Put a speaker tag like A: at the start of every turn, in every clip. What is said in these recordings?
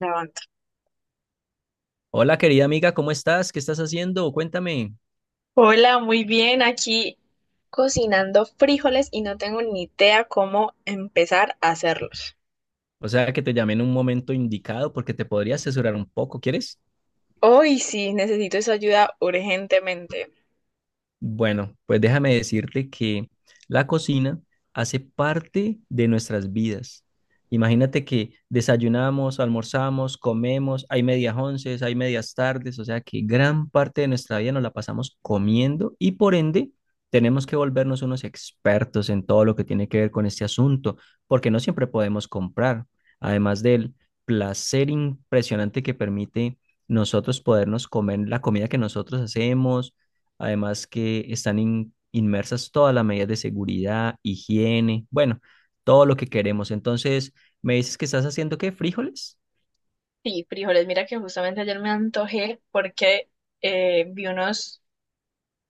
A: La.
B: Hola querida amiga, ¿cómo estás? ¿Qué estás haciendo? Cuéntame.
A: Hola, muy bien. Aquí cocinando frijoles y no tengo ni idea cómo empezar a hacerlos.
B: O sea, que te llamé en un momento indicado porque te podría asesorar un poco, ¿quieres?
A: Hoy sí, necesito esa ayuda urgentemente.
B: Bueno, pues déjame decirte que la cocina hace parte de nuestras vidas. Imagínate que desayunamos, almorzamos, comemos, hay medias onces, hay medias tardes, o sea que gran parte de nuestra vida nos la pasamos comiendo y por ende tenemos que volvernos unos expertos en todo lo que tiene que ver con este asunto, porque no siempre podemos comprar, además del placer impresionante que permite nosotros podernos comer la comida que nosotros hacemos. Además que están inmersas todas las medidas de seguridad, higiene, bueno, todo lo que queremos. Entonces, ¿me dices que estás haciendo qué? ¿Frijoles?
A: Sí, frijoles. Mira que justamente ayer me antojé porque vi unos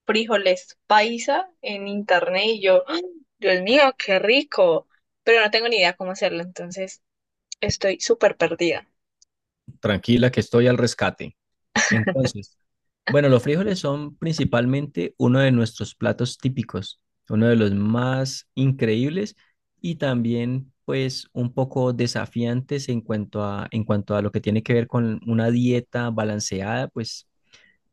A: frijoles paisa en internet y yo, ¡Ah! Dios mío, qué rico. Pero no tengo ni idea cómo hacerlo, entonces estoy súper perdida.
B: Tranquila, que estoy al rescate. Entonces, bueno, los frijoles son principalmente uno de nuestros platos típicos, uno de los más increíbles y también pues un poco desafiantes en cuanto a lo que tiene que ver con una dieta balanceada, pues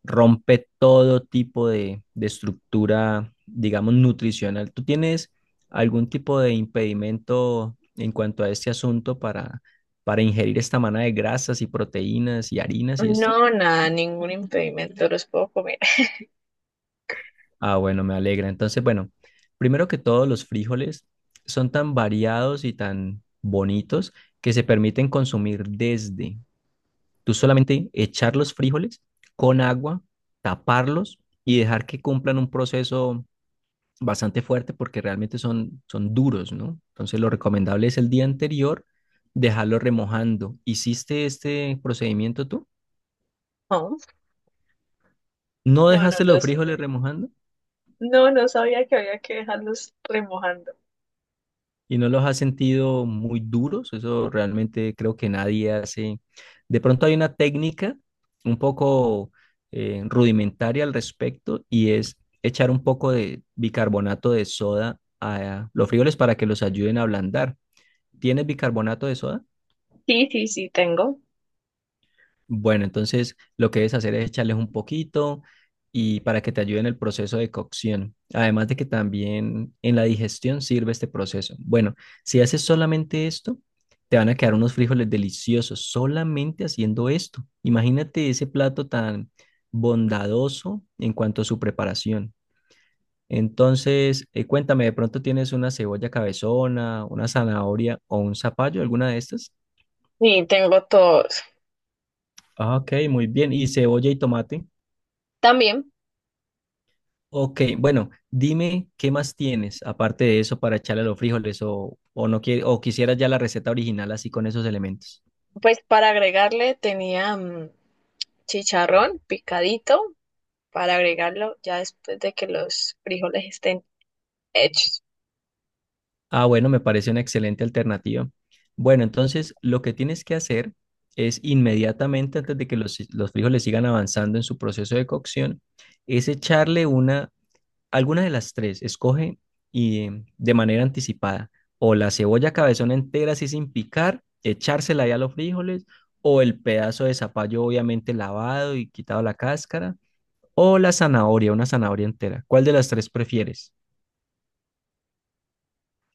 B: rompe todo tipo de estructura, digamos, nutricional. ¿Tú tienes algún tipo de impedimento en cuanto a este asunto para ingerir esta manada de grasas y proteínas y harinas y esto?
A: No, nada, ningún impedimento, los puedo comer.
B: Ah, bueno, me alegra. Entonces, bueno, primero que todo, los frijoles son tan variados y tan bonitos que se permiten consumir desde tú solamente echar los frijoles con agua, taparlos y dejar que cumplan un proceso bastante fuerte porque realmente son duros, ¿no? Entonces lo recomendable es el día anterior dejarlo remojando. ¿Hiciste este procedimiento tú?
A: No,
B: ¿No
A: no, no
B: dejaste los
A: los
B: frijoles remojando?
A: no, no sabía que había que dejarlos remojando.
B: ¿Y no los has sentido muy duros? Eso realmente creo que nadie hace. De pronto hay una técnica un poco rudimentaria al respecto y es echar un poco de bicarbonato de soda a los frijoles para que los ayuden a ablandar. ¿Tienes bicarbonato de soda?
A: Sí, sí, sí, tengo.
B: Bueno, entonces lo que debes hacer es echarles un poquito y para que te ayude en el proceso de cocción. Además de que también en la digestión sirve este proceso. Bueno, si haces solamente esto, te van a quedar unos frijoles deliciosos solamente haciendo esto. Imagínate ese plato tan bondadoso en cuanto a su preparación. Entonces, cuéntame, ¿de pronto tienes una cebolla cabezona, una zanahoria o un zapallo, alguna de estas?
A: Sí, tengo todos.
B: Ah, ok, muy bien. ¿Y cebolla y tomate?
A: También,
B: Ok, bueno, dime qué más tienes aparte de eso para echarle a los frijoles o no quiere o quisieras ya la receta original así con esos elementos.
A: pues para agregarle tenía chicharrón picadito para agregarlo ya después de que los frijoles estén hechos.
B: Ah, bueno, me parece una excelente alternativa. Bueno, entonces lo que tienes que hacer es inmediatamente antes de que los frijoles sigan avanzando en su proceso de cocción, es echarle una. Alguna de las tres, escoge y de manera anticipada, o la cebolla cabezona entera así sin picar, echársela ahí a los frijoles, o el pedazo de zapallo obviamente lavado y quitado la cáscara, o la zanahoria, una zanahoria entera. ¿Cuál de las tres prefieres?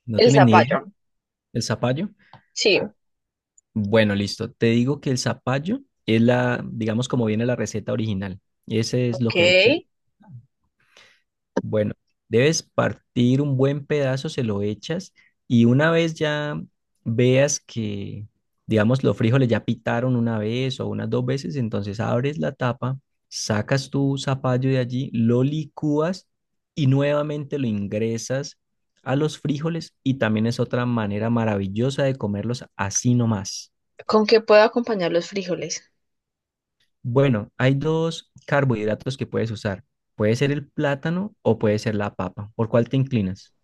B: ¿No
A: El
B: tienes ni idea?
A: zapallo.
B: ¿El zapallo?
A: Sí,
B: Bueno, listo. Te digo que el zapallo es la, digamos, como viene la receta original. Ese es lo
A: ok.
B: que hay que. Bueno, debes partir un buen pedazo, se lo echas y una vez ya veas que, digamos, los frijoles ya pitaron una vez o unas dos veces, entonces abres la tapa, sacas tu zapallo de allí, lo licúas y nuevamente lo ingresas a los frijoles y también es otra manera maravillosa de comerlos así nomás.
A: ¿Con qué puedo acompañar los frijoles?
B: Bueno, hay dos carbohidratos que puedes usar. Puede ser el plátano o puede ser la papa. ¿Por cuál te inclinas?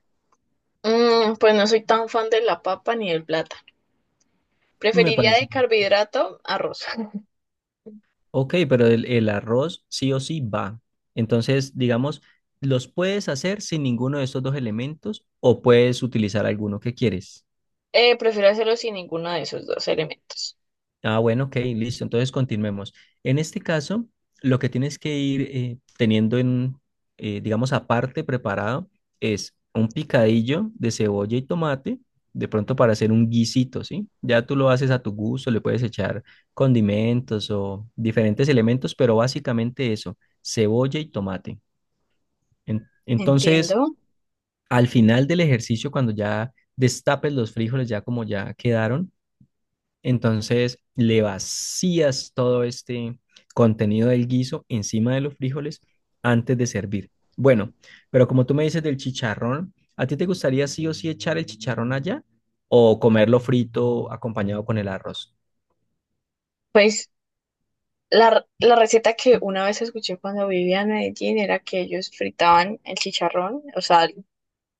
A: Mm, pues no soy tan fan de la papa ni del plátano.
B: Me
A: Preferiría de
B: parece.
A: carbohidrato arroz.
B: Ok, pero el arroz sí o sí va. Entonces, digamos, los puedes hacer sin ninguno de estos dos elementos o puedes utilizar alguno que quieres.
A: Prefiero hacerlo sin ninguno de esos dos elementos.
B: Ah, bueno, ok, listo. Entonces continuemos. En este caso, lo que tienes que ir teniendo en, digamos, aparte preparado es un picadillo de cebolla y tomate, de pronto para hacer un guisito, ¿sí? Ya tú lo haces a tu gusto, le puedes echar condimentos o diferentes elementos, pero básicamente eso, cebolla y tomate. Entonces,
A: Entiendo.
B: al final del ejercicio, cuando ya destapes los frijoles, ya como ya quedaron, entonces le vacías todo este contenido del guiso encima de los frijoles antes de servir. Bueno, pero como tú me dices del chicharrón, ¿a ti te gustaría sí o sí echar el chicharrón allá o comerlo frito acompañado con el arroz?
A: Pues la receta que una vez escuché cuando vivía en Medellín era que ellos fritaban el chicharrón, o sea,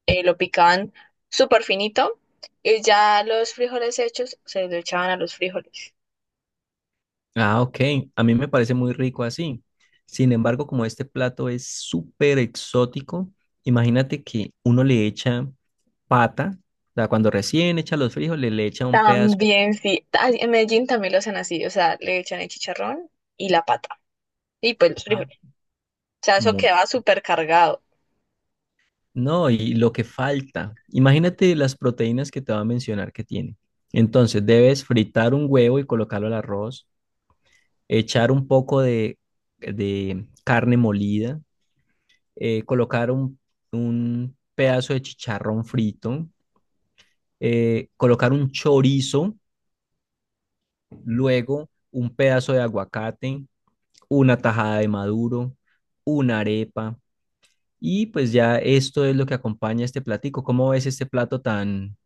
A: lo picaban súper finito y ya los frijoles hechos se lo echaban a los frijoles.
B: Ah, ok. A mí me parece muy rico así. Sin embargo, como este plato es súper exótico, imagínate que uno le echa pata, o sea, cuando recién echa los frijoles, le echa un pedazo de
A: También sí, en Medellín también lo hacen así, o sea, le echan el chicharrón y la pata y pues los
B: pata.
A: frijoles. O sea, eso queda súper cargado.
B: No, y lo que falta. Imagínate las proteínas que te voy a mencionar que tiene. Entonces, debes fritar un huevo y colocarlo al arroz, echar un poco de carne molida, colocar un pedazo de chicharrón frito, colocar un chorizo, luego un pedazo de aguacate, una tajada de maduro, una arepa. Y pues ya esto es lo que acompaña este platico. ¿Cómo ves este plato tan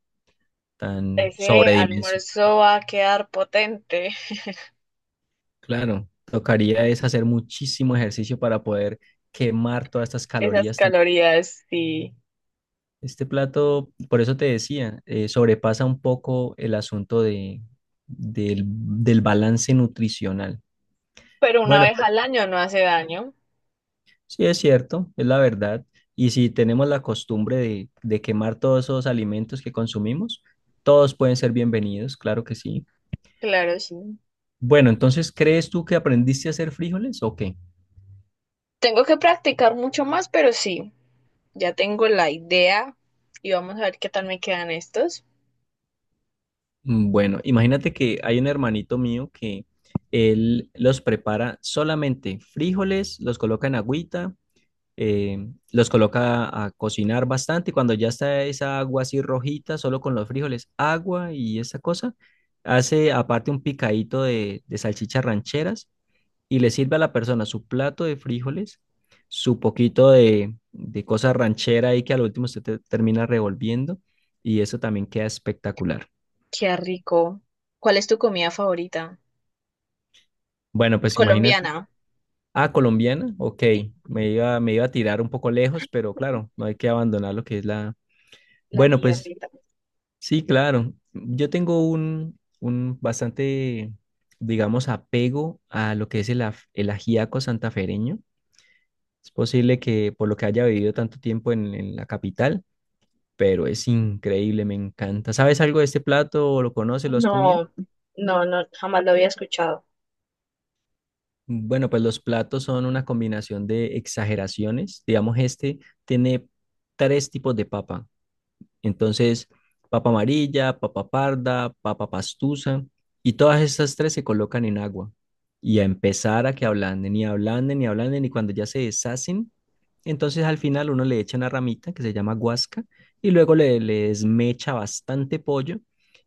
B: tan
A: Ese
B: sobredimensionado?
A: almuerzo va a quedar potente,
B: Claro, tocaría es hacer muchísimo ejercicio para poder quemar todas estas
A: esas
B: calorías.
A: calorías sí,
B: Este plato, por eso te decía, sobrepasa un poco el asunto de, del balance nutricional.
A: pero una
B: Bueno,
A: vez
B: pero
A: al año no hace daño,
B: sí es cierto, es la verdad. Y si tenemos la costumbre de quemar todos esos alimentos que consumimos, todos pueden ser bienvenidos, claro que sí.
A: claro sí.
B: Bueno, entonces, ¿crees tú que aprendiste a hacer frijoles o qué?
A: Tengo que practicar mucho más, pero sí, ya tengo la idea y vamos a ver qué tal me quedan estos.
B: Mm, bueno, imagínate que hay un hermanito mío que él los prepara solamente frijoles, los coloca en agüita, eh, los coloca a cocinar bastante y cuando ya está esa agua así rojita, solo con los frijoles, agua y esa cosa, hace aparte un picadito de salchichas rancheras y le sirve a la persona su plato de frijoles, su poquito de cosa ranchera ahí que al último termina revolviendo y eso también queda espectacular.
A: Qué rico. ¿Cuál es tu comida favorita?
B: Bueno, pues imagínate.
A: Colombiana.
B: Ah, colombiana, ok.
A: Sí,
B: Me iba a tirar un poco lejos, pero claro, no hay que abandonar lo que es la...
A: la
B: Bueno,
A: tía
B: pues
A: Rita.
B: sí, claro. Yo tengo un bastante, digamos, apego a lo que es el, el ajiaco santafereño. Es posible que por lo que haya vivido tanto tiempo en la capital, pero es increíble, me encanta. ¿Sabes algo de este plato? ¿O lo conoces? ¿Lo has comido?
A: No, no, no, jamás lo había escuchado.
B: Bueno, pues los platos son una combinación de exageraciones. Digamos, este tiene tres tipos de papa. Entonces, papa amarilla, papa parda, papa pastusa, y todas estas tres se colocan en agua y a empezar a que ablanden y ablanden y ablanden y cuando ya se deshacen, entonces al final uno le echa una ramita que se llama guasca y luego le desmecha bastante pollo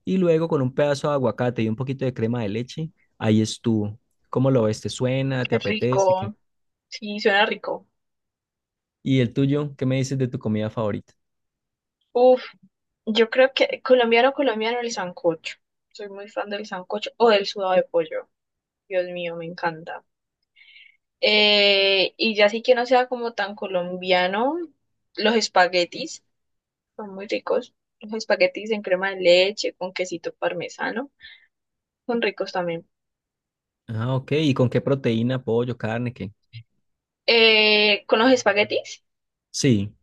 B: y luego con un pedazo de aguacate y un poquito de crema de leche, ahí estuvo. ¿Cómo lo ves? ¿Te suena? ¿Te
A: Qué
B: apetece? ¿Qué?
A: rico. Sí, suena rico.
B: ¿Y el tuyo? ¿Qué me dices de tu comida favorita?
A: Uf, yo creo que colombiano, colombiano, el sancocho. Soy muy fan del sancocho o del sudado de pollo. Dios mío, me encanta. Y ya sí que no sea como tan colombiano, los espaguetis son muy ricos. Los espaguetis en crema de leche, con quesito parmesano, son ricos también.
B: Ah, ok. ¿Y con qué proteína? ¿Pollo? ¿Carne? ¿Qué?
A: Con los espaguetis,
B: Sí.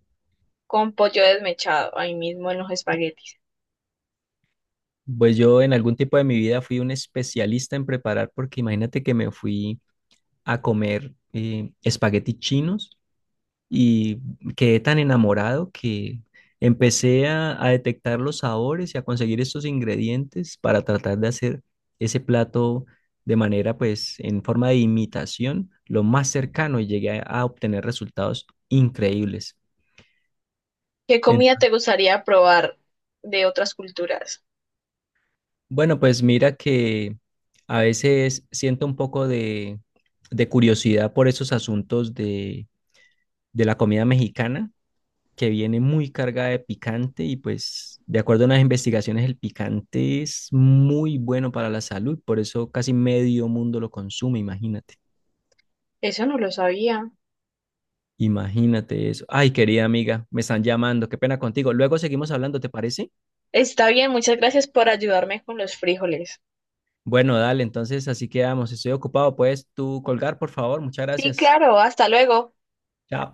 A: con pollo desmechado, ahí mismo en los espaguetis.
B: Pues yo en algún tiempo de mi vida fui un especialista en preparar porque imagínate que me fui a comer espaguetis chinos y quedé tan enamorado que empecé a detectar los sabores y a conseguir estos ingredientes para tratar de hacer ese plato de manera pues en forma de imitación lo más cercano y llegué a obtener resultados increíbles.
A: ¿Qué comida te gustaría probar de otras culturas?
B: Bueno, pues mira que a veces siento un poco de curiosidad por esos asuntos de la comida mexicana, que viene muy cargada de picante y pues de acuerdo a las investigaciones el picante es muy bueno para la salud, por eso casi medio mundo lo consume, imagínate,
A: Eso no lo sabía.
B: imagínate eso. Ay, querida amiga, me están llamando, qué pena contigo. Luego seguimos hablando, ¿te parece?
A: Está bien, muchas gracias por ayudarme con los frijoles.
B: Bueno, dale, entonces así quedamos. Estoy ocupado, puedes tú colgar, por favor. Muchas
A: Sí,
B: gracias.
A: claro, hasta luego.
B: Chao.